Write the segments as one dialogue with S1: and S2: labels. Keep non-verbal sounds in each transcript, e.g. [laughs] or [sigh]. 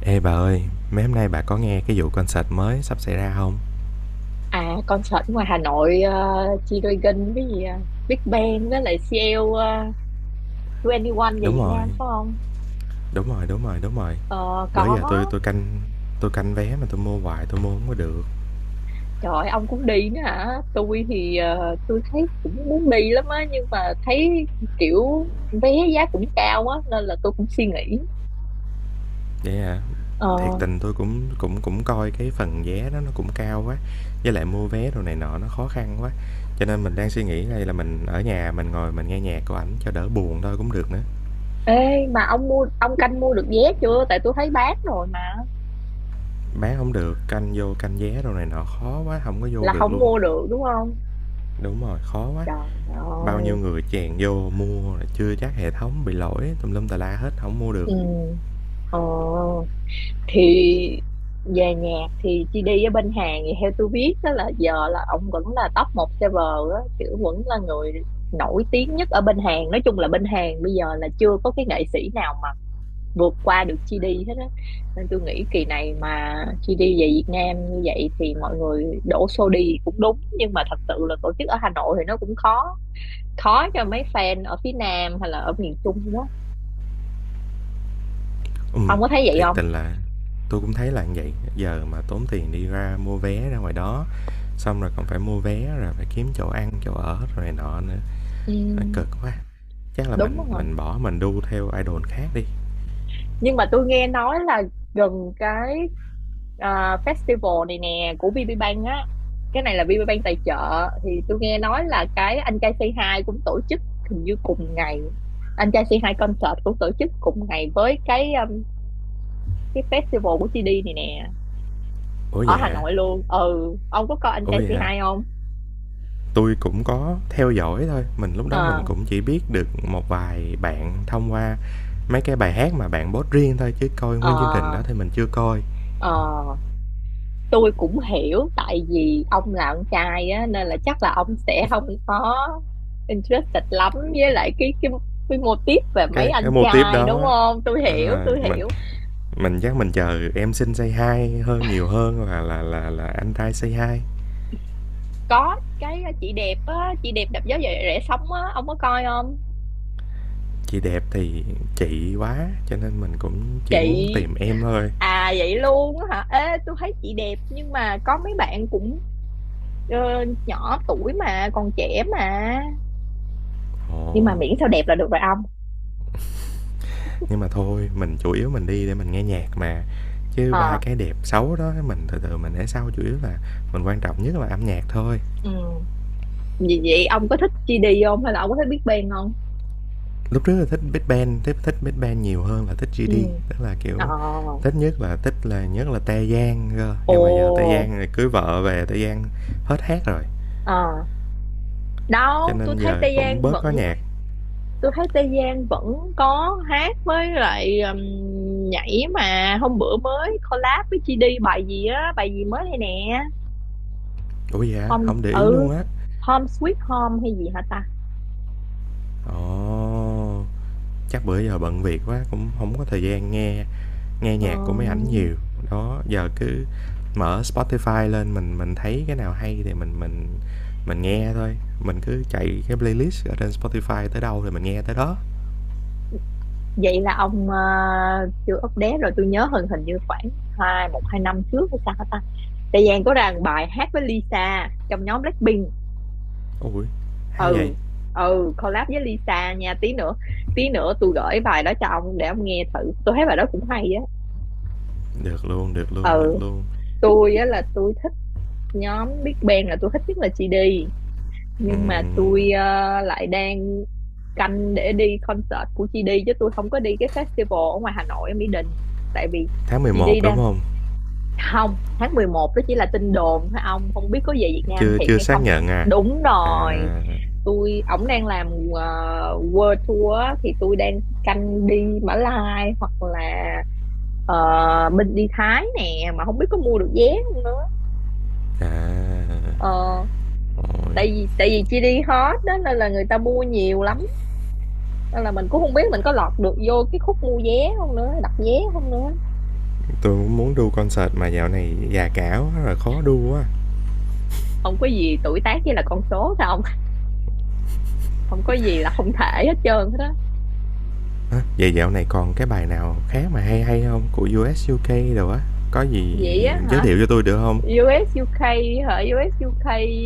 S1: Ê bà ơi, mấy hôm nay bà có nghe cái vụ concert mới sắp xảy ra không?
S2: À concert ngoài Hà Nội G-Dragon với gì à? Big Bang với lại CL 21 về
S1: Đúng
S2: Việt
S1: rồi,
S2: Nam phải không?
S1: đúng rồi, đúng rồi.
S2: Ờ
S1: Bữa
S2: có.
S1: giờ tôi tôi canh vé mà tôi mua hoài tôi mua không có được.
S2: Trời ơi, ông cũng đi nữa hả? Tôi thì tôi thấy cũng muốn đi lắm á nhưng mà thấy kiểu vé giá cũng cao á nên là tôi cũng suy nghĩ.
S1: Vậy hả? Thiệt
S2: Ờ,
S1: tình tôi cũng cũng cũng coi cái phần vé đó nó cũng cao quá, với lại mua vé đồ này nọ nó khó khăn quá. Cho nên mình đang suy nghĩ đây là mình ở nhà mình ngồi mình nghe nhạc của ảnh cho đỡ buồn thôi cũng được nữa.
S2: ê mà ông mua, ông canh mua được vé chưa? Tại tôi thấy bán rồi mà,
S1: Bán không được, canh vô canh vé đồ này nọ khó quá, không có vô
S2: là
S1: được
S2: không
S1: luôn.
S2: mua được đúng không?
S1: Đúng rồi, khó quá.
S2: Trời
S1: Bao nhiêu
S2: ơi.
S1: người chèn vô mua chưa chắc hệ thống bị lỗi tùm lum tà la hết, không mua được.
S2: Ừ. Ờ thì về nhạc thì chị đi ở bên Hàn thì theo tôi biết đó là giờ là ông vẫn là top một server á, kiểu vẫn là người nổi tiếng nhất ở bên Hàn. Nói chung là bên Hàn bây giờ là chưa có cái nghệ sĩ nào mà vượt qua được GD hết á, nên tôi nghĩ kỳ này mà GD về Việt Nam như vậy thì mọi người đổ xô đi cũng đúng. Nhưng mà thật sự là tổ chức ở Hà Nội thì nó cũng khó, khó cho mấy fan ở phía Nam hay là ở miền Trung quá.
S1: Ừm,
S2: Ông có thấy vậy
S1: thiệt
S2: không?
S1: tình là tôi cũng thấy là như vậy, giờ mà tốn tiền đi ra mua vé ra ngoài đó, xong rồi còn phải mua vé rồi phải kiếm chỗ ăn, chỗ ở rồi này nọ nữa,
S2: Ừ,
S1: nó cực quá. Chắc là
S2: đúng
S1: mình
S2: không?
S1: mình bỏ mình đu theo idol khác đi.
S2: Nhưng mà tôi nghe nói là gần cái, à, festival này nè của VPBank á, cái này là VPBank tài trợ, thì tôi nghe nói là cái anh trai Say Hi cũng tổ chức hình như cùng ngày. Anh trai Say Hi concert cũng tổ chức cùng ngày với cái festival của GD này nè,
S1: Ủa
S2: ở
S1: vậy
S2: Hà
S1: hả?
S2: Nội luôn. Ừ, ông có coi anh
S1: Ủa
S2: trai
S1: vậy hả?
S2: Say Hi không?
S1: Tui cũng có theo dõi thôi, mình lúc đó mình
S2: Ờ,
S1: cũng chỉ biết được một vài bạn thông qua mấy cái bài hát mà bạn post riêng thôi chứ coi nguyên chương trình đó
S2: ờ,
S1: thì mình chưa coi.
S2: ờ, tôi cũng hiểu tại vì ông là con trai á nên là chắc là ông sẽ không có interested lắm với lại cái cái mô típ về mấy
S1: Cái
S2: anh
S1: mô típ
S2: trai đúng
S1: đó,
S2: không. Tôi
S1: đúng
S2: hiểu,
S1: rồi,
S2: tôi
S1: mình
S2: hiểu.
S1: mình chắc mình chờ "Em Xinh Say Hi" hơn nhiều hơn là "Anh Trai Say Hi".
S2: Có cái, à, chị đẹp á, chị đẹp đạp gió rẻ rẻ sóng á, ông có coi không?
S1: "Chị Đẹp" thì chị quá, cho nên mình cũng chỉ muốn
S2: Chị
S1: tìm em thôi.
S2: à? Vậy luôn á hả? Ê tôi thấy chị đẹp nhưng mà có mấy bạn cũng, ờ, nhỏ tuổi mà còn trẻ mà, nhưng mà
S1: Ồ,
S2: miễn sao đẹp là được rồi ông.
S1: nhưng mà thôi, mình chủ yếu mình đi để mình nghe nhạc mà, chứ ba
S2: Ờ.
S1: cái đẹp xấu đó mình từ từ mình để sau, chủ yếu là mình quan trọng nhất là âm nhạc thôi.
S2: Ừ vậy, vậy ông có thích gi đi không hay là ông có thích Big Bang không?
S1: Lúc trước là thích Big Bang, thích thích Big Bang nhiều hơn là thích
S2: Ừ.
S1: GD, tức là,
S2: Ờ.
S1: kiểu, thích nhất là Tae Yang cơ, nhưng mà giờ Tae
S2: Ồ.
S1: Yang cưới vợ về, Tae Yang hết hát rồi,
S2: Ờ.
S1: cho
S2: Đâu, tôi
S1: nên
S2: thấy
S1: giờ
S2: Tây
S1: cũng
S2: Giang
S1: bớt
S2: vẫn,
S1: có nhạc.
S2: tôi thấy Tây Giang vẫn có hát với lại, nhảy mà hôm bữa mới collab với chị đi bài gì á, bài gì mới đây nè.
S1: Ủa dạ
S2: Home,
S1: không để ý luôn á.
S2: Home Sweet Home hay gì hả ta?
S1: Ồ, chắc bữa giờ bận việc quá cũng không có thời gian nghe nghe
S2: Ờ,
S1: nhạc của mấy ảnh nhiều. Đó, giờ cứ mở Spotify lên mình thấy cái nào hay thì mình nghe thôi, mình cứ chạy cái playlist ở trên Spotify tới đâu thì mình nghe tới đó.
S2: vậy là ông, chưa update rồi. Tôi nhớ hình, hình như khoảng hai, một hai năm trước hay sao hả ta? Tây Giang có ra một bài hát với Lisa trong nhóm Blackpink.
S1: Ôi, hay vậy!
S2: Ừ, ừ, collab với Lisa nha. Tí nữa, tôi gửi bài đó cho ông để ông nghe thử. Tôi thấy bài đó cũng hay á.
S1: Được luôn, được luôn, được
S2: Ừ,
S1: luôn.
S2: tôi á là tôi thích nhóm Big Bang, là tôi thích nhất là GD, nhưng mà
S1: Ừm,
S2: tôi, lại đang canh để đi concert của GD chứ tôi không có đi cái festival ở ngoài Hà Nội ở Mỹ Đình, tại vì
S1: tháng mười
S2: GD
S1: một đúng
S2: đang,
S1: không?
S2: không, tháng 11 đó chỉ là tin đồn thôi, ông không biết có về Việt Nam
S1: Chưa
S2: thiệt
S1: chưa
S2: hay
S1: xác
S2: không nữa.
S1: nhận à?
S2: Đúng rồi,
S1: À,
S2: tôi ổng đang làm, ờ, world tour á, thì tôi đang canh đi Mã Lai hoặc là, ờ, bên đi Thái nè, mà không biết có mua được vé không nữa.
S1: à,
S2: Ờ,
S1: ôi,
S2: tại vì chi đi hot đó nên là người ta mua nhiều lắm, nên là mình cũng không biết mình có lọt được vô cái khúc mua vé không nữa, đặt vé không nữa.
S1: tôi cũng muốn đu concert mà dạo này già cả quá rồi khó đu quá.
S2: Không có gì tuổi tác với là con số sao không, không có gì là không thể hết trơn hết á.
S1: Vậy dạo này còn cái bài nào khác mà hay hay không? Của U.S. u UK đồ á, có gì
S2: Vậy á
S1: giới
S2: hả?
S1: thiệu cho tôi được không?
S2: U.S. u UK hả? U.S. u UK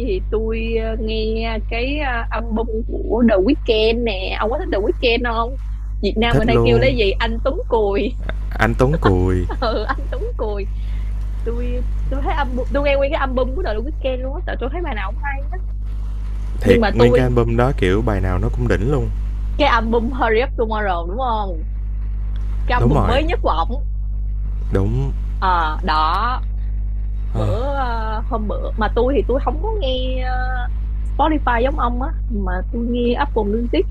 S2: thì tôi, nghe cái, album của The Weeknd nè. Ông có thích The Weeknd không? Việt Nam
S1: Thích
S2: mình hay kêu
S1: luôn,
S2: lấy gì anh Tuấn Cùi.
S1: anh Tuấn Cùi,
S2: [laughs] Ừ anh Tuấn Cùi, tôi tôi thấy album, tôi nghe nguyên cái album của The Weeknd luôn á, tại tôi thấy bài nào cũng hay. Nhưng
S1: thiệt
S2: mà
S1: nguyên cái
S2: tôi,
S1: album đó, kiểu, bài nào nó cũng đỉnh luôn.
S2: cái album Hurry Up Tomorrow đúng không, cái
S1: Đúng
S2: album
S1: rồi,
S2: mới nhất của ổng.
S1: đúng.
S2: Ờ đó. Bữa, hôm bữa mà tôi, thì tôi không có nghe, Spotify giống ông á, mà tôi nghe Apple Music.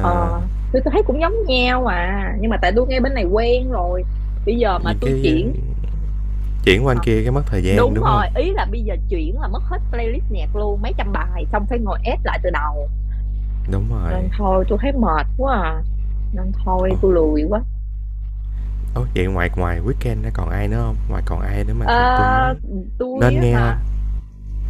S2: Ờ, tôi thấy cũng giống nhau mà, nhưng mà tại tôi ngay bên này quen rồi, bây giờ mà
S1: Những
S2: tôi
S1: cái,
S2: chuyển.
S1: chuyển qua anh
S2: Ờ,
S1: kia cái mất thời gian,
S2: đúng
S1: đúng không?
S2: rồi, ý là bây giờ chuyển là mất hết playlist nhạc luôn, mấy trăm bài xong phải ngồi ép lại từ đầu.
S1: Đúng
S2: Nên
S1: rồi.
S2: thôi tôi thấy mệt quá à, nên thôi
S1: Ồ,
S2: tôi lười quá.
S1: ố, vậy ngoài ngoài Weekend ra còn ai nữa không? Ngoài còn ai nữa mà tôi
S2: Ờ,
S1: muốn
S2: tôi
S1: nên
S2: á
S1: nghe không?
S2: hả?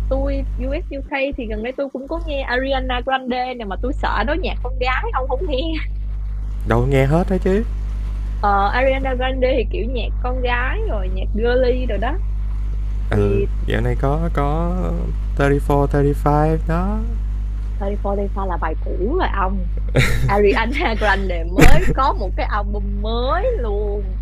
S2: Tôi US UK thì gần đây tôi cũng có nghe Ariana Grande nè, mà tôi sợ đó nhạc con gái, ông không nghe.
S1: Đâu, nghe hết đó chứ.
S2: Ờ, Ariana Grande thì kiểu nhạc con gái rồi, nhạc girly rồi đó
S1: Ừ,
S2: thì.
S1: dạo này có 34, 35 đó.
S2: 34 Lipa là bài cũ rồi ông, Ariana Grande mới có một cái album mới luôn.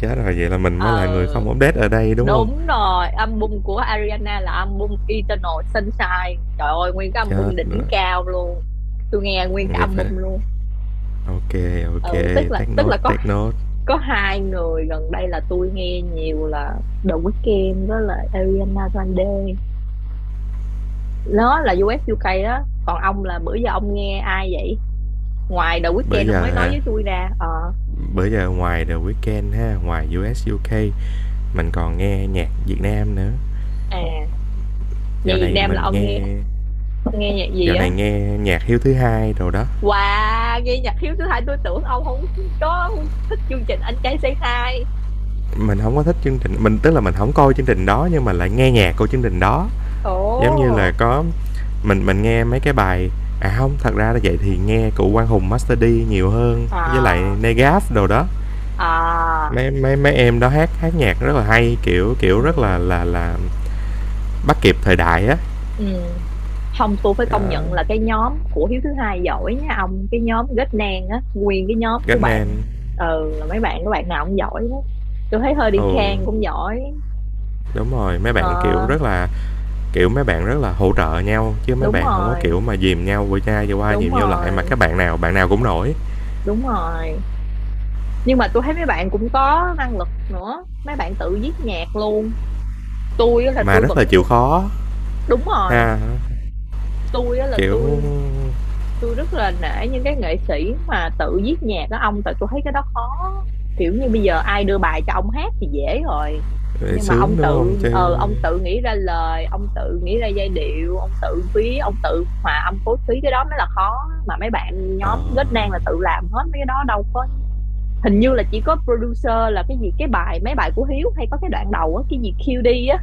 S1: Chết rồi, vậy là mình mới
S2: Ờ
S1: là người không update ở đây, đúng không?
S2: đúng rồi, album của Ariana là album Eternal Sunshine, trời ơi nguyên cái
S1: Chết
S2: album
S1: rồi,
S2: đỉnh cao luôn. Tôi nghe nguyên cái
S1: vậy phải
S2: album luôn.
S1: ô ok, ô
S2: Ừ, tức
S1: kê,
S2: là
S1: take
S2: tức là
S1: note,
S2: có
S1: take note.
S2: có hai người gần đây là tôi nghe nhiều là The Weeknd với lại Ariana Grande, nó là US UK đó. Còn ông là bữa giờ ông nghe ai vậy, ngoài The
S1: Bữa
S2: Weeknd ông
S1: giờ
S2: mới nói
S1: hả?
S2: với tôi ra, ờ.
S1: Bây giờ ngoài The Weeknd ha, ngoài US, UK, mình còn nghe nhạc Việt Nam nữa.
S2: À, nhạc
S1: Dạo
S2: Việt
S1: này
S2: Nam là
S1: mình
S2: ông nghe,
S1: nghe
S2: ông nghe nhạc gì
S1: dạo này
S2: á?
S1: nghe nhạc Hiếu thứ hai rồi đó,
S2: Wow, nghe nhạc Hiếu thứ hai, tôi tưởng ông không có thích chương trình Anh Trai Say Hi.
S1: mình không có thích chương trình, mình tức là mình không coi chương trình đó nhưng mà lại nghe nhạc của chương trình đó.
S2: Ồ,
S1: Giống như là có mình nghe mấy cái bài à không, thật ra là vậy thì nghe của Quang Hùng, Master D nhiều hơn, với lại
S2: à,
S1: Negaf đồ đó.
S2: à,
S1: Mấy mấy mấy em đó hát hát nhạc rất là hay, kiểu, kiểu, rất là
S2: ừ,
S1: bắt kịp thời đại á.
S2: ừ. Không, tôi phải công
S1: Đó,
S2: nhận là cái nhóm của Hiếu thứ hai giỏi nha ông, cái nhóm Ghét Nang á, nguyên cái nhóm của
S1: Ghét Nam,
S2: bạn, ừ, là mấy bạn, các bạn nào cũng giỏi hết. Tôi thấy
S1: ừ,
S2: Hurricane cũng giỏi,
S1: đúng rồi, mấy
S2: ờ,
S1: bạn, kiểu, rất là. Kiểu, mấy bạn rất là hỗ trợ nhau, chứ mấy
S2: đúng
S1: bạn không có,
S2: rồi,
S1: kiểu, mà dìm nhau qua chai vừa qua
S2: đúng
S1: dìm nhau lại, mà
S2: rồi,
S1: các bạn nào cũng nổi,
S2: đúng rồi. Nhưng mà tôi thấy mấy bạn cũng có năng lực nữa, mấy bạn tự viết nhạc luôn. Tôi á là
S1: mà
S2: tôi
S1: rất
S2: vẫn,
S1: là chịu khó
S2: đúng rồi,
S1: ha.
S2: tôi á là
S1: Kiểu,
S2: tôi rất là nể những cái nghệ sĩ mà tự viết nhạc đó ông, tại tôi thấy cái đó khó. Kiểu như bây giờ ai đưa bài cho ông hát thì dễ rồi, nhưng mà ông
S1: sướng, đúng không?
S2: tự,
S1: Chứ
S2: ông tự nghĩ ra lời, ông tự nghĩ ra giai điệu, ông tự viết, ông tự hòa âm phối khí, cái đó mới là khó. Mà mấy bạn nhóm
S1: ờ,
S2: Ghét Nang là tự làm hết mấy cái đó, đâu có, hình như là chỉ có producer là cái gì. Cái bài, mấy bài của Hiếu hay có cái đoạn đầu á cái gì QD á,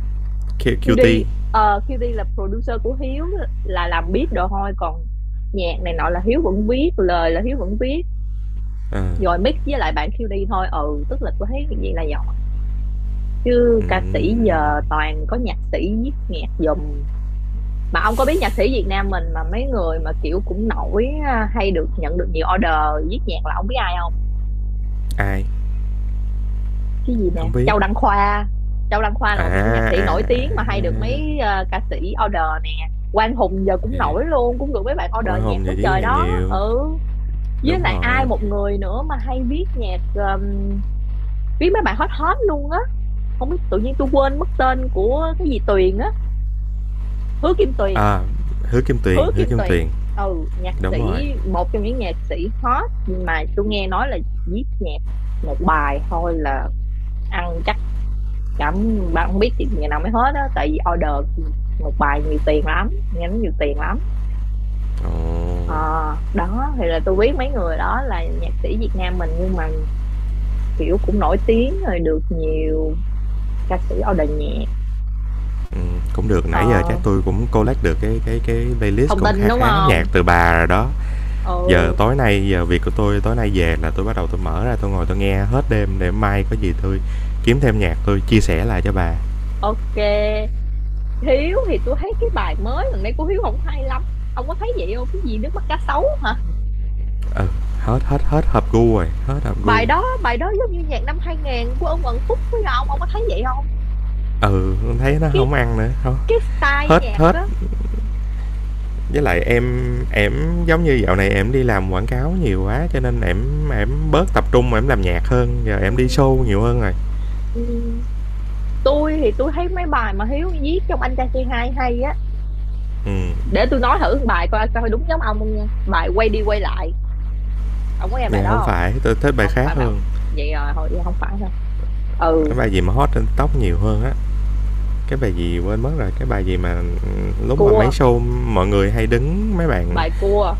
S2: QD,
S1: Cutie,
S2: ờ QD là producer của Hiếu, là làm beat đồ thôi, còn nhạc này nọ là Hiếu vẫn viết lời, là Hiếu vẫn viết,
S1: ờ,
S2: rồi mix với lại bạn QD thôi. Ừ tức là tôi thấy cái gì là giỏi, chứ ca sĩ
S1: ừm,
S2: giờ toàn có nhạc sĩ viết nhạc giùm. Mà ông có biết nhạc sĩ Việt Nam mình mà mấy người mà kiểu cũng nổi á, hay được nhận được nhiều order viết nhạc, là ông biết ai không?
S1: ai?
S2: Cái gì nè,
S1: Không biết.
S2: Châu Đăng Khoa. Châu Đăng Khoa là
S1: À,
S2: một trong những nhạc
S1: à,
S2: sĩ nổi
S1: à,
S2: tiếng mà hay được mấy, ca sĩ order nè. Quang Hùng giờ cũng
S1: yeah,
S2: nổi luôn, cũng được mấy bạn order
S1: Hoa
S2: nhạc quá
S1: giải trí
S2: trời
S1: hàng
S2: đó.
S1: nhiều,
S2: Ừ, với
S1: đúng
S2: lại ai,
S1: rồi.
S2: một người nữa mà hay viết nhạc, viết mấy bài hot hot luôn á, không biết tự nhiên tôi quên mất tên, của cái gì Tuyền á, Hứa Kim Tuyền.
S1: À, Hứa Kim Tuyền,
S2: Hứa
S1: Hứa
S2: Kim
S1: Kim Tuyền,
S2: Tuyền, ừ nhạc
S1: đúng rồi.
S2: sĩ, một trong những nhạc sĩ hot mà tôi nghe nói là viết nhạc một bài thôi là ăn chậm, bà không biết chị gì nào mới hết á, tại vì order một bài nhiều tiền lắm, nhánh nhiều tiền lắm. Ờ
S1: Ồ.
S2: đó, thì là tôi biết mấy người đó là nhạc sĩ Việt Nam mình nhưng mà kiểu cũng nổi tiếng rồi, được nhiều ca sĩ order nhạc.
S1: Cũng được,
S2: Ờ,
S1: nãy giờ chắc tôi cũng collect được cái playlist
S2: thông
S1: cũng
S2: tin
S1: kha
S2: đúng
S1: khá nhạc
S2: không.
S1: từ bà rồi đó. Giờ
S2: Ừ,
S1: tối nay giờ việc của tôi tối nay về là tôi bắt đầu tôi mở ra tôi ngồi tôi nghe hết đêm để mai có gì tôi kiếm thêm nhạc tôi chia sẻ lại cho bà.
S2: ok. Hiếu thì tôi thấy cái bài mới gần đây của Hiếu không hay lắm, ông có thấy vậy không, cái gì nước mắt cá sấu hả?
S1: Ừ, hết hết hết hợp gu rồi, hết hợp gu rồi.
S2: Bài đó giống như nhạc năm 2000 của ông Quận Phúc, với ông có thấy vậy không,
S1: Ừ, thấy nó
S2: cái,
S1: không ăn nữa, hông
S2: cái style
S1: hết
S2: nhạc
S1: hết.
S2: á.
S1: Với lại em giống như dạo này em đi làm quảng cáo nhiều quá cho nên em bớt tập trung mà em làm nhạc hơn, giờ
S2: Ừ,
S1: em đi show nhiều hơn rồi.
S2: ừ. Tôi thì tôi thấy mấy bài mà Hiếu viết trong Anh Trai Say Hi hay á.
S1: Ừm,
S2: Để tôi nói thử một bài coi coi đúng giống ông không nha, bài quay đi quay lại, ông có nghe bài
S1: dạ
S2: đó
S1: hổng
S2: không?
S1: phải, tôi thích bài
S2: Không
S1: khác
S2: phải bài ông,
S1: hơn.
S2: vậy rồi thôi không phải đâu. Ừ,
S1: Cái bài gì mà hot trên tóc nhiều hơn á, cái bài gì quên mất rồi, cái bài gì mà, lúc mà mấy
S2: cua,
S1: show mọi người hay đứng mấy bạn
S2: bài cua,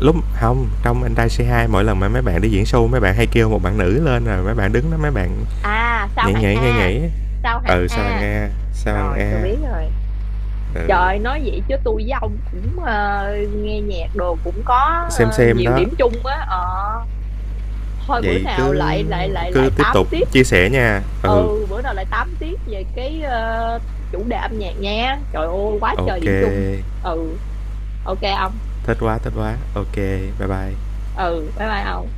S1: lúc không trong Anh Trai Say Hi mỗi lần mà mấy bạn đi diễn show mấy bạn hay kêu một bạn nữ lên rồi mấy bạn đứng đó mấy bạn
S2: à sao
S1: nhảy
S2: hạng
S1: nhảy, nhảy
S2: A,
S1: nhảy á.
S2: sao hạng
S1: Ừ, Sao Hằng
S2: A,
S1: A, Sao Hằng
S2: rồi tôi
S1: A,
S2: biết rồi.
S1: ừ,
S2: Trời, nói vậy chứ tôi với ông cũng, nghe nhạc đồ cũng có, ờ,
S1: Xem
S2: nhiều
S1: đó,
S2: điểm chung á. Ờ thôi, bữa
S1: vậy
S2: nào
S1: cứ
S2: lại lại lại lại
S1: cứ tiếp
S2: tám
S1: tục
S2: tiếp.
S1: chia sẻ nha. Ừ,
S2: Ừ, bữa nào lại tám tiếp về cái, chủ đề âm nhạc nha, trời ơi quá trời điểm chung.
S1: ok,
S2: Ừ ok ông.
S1: thích quá, ok, bye bye.
S2: Ừ bye bye ông.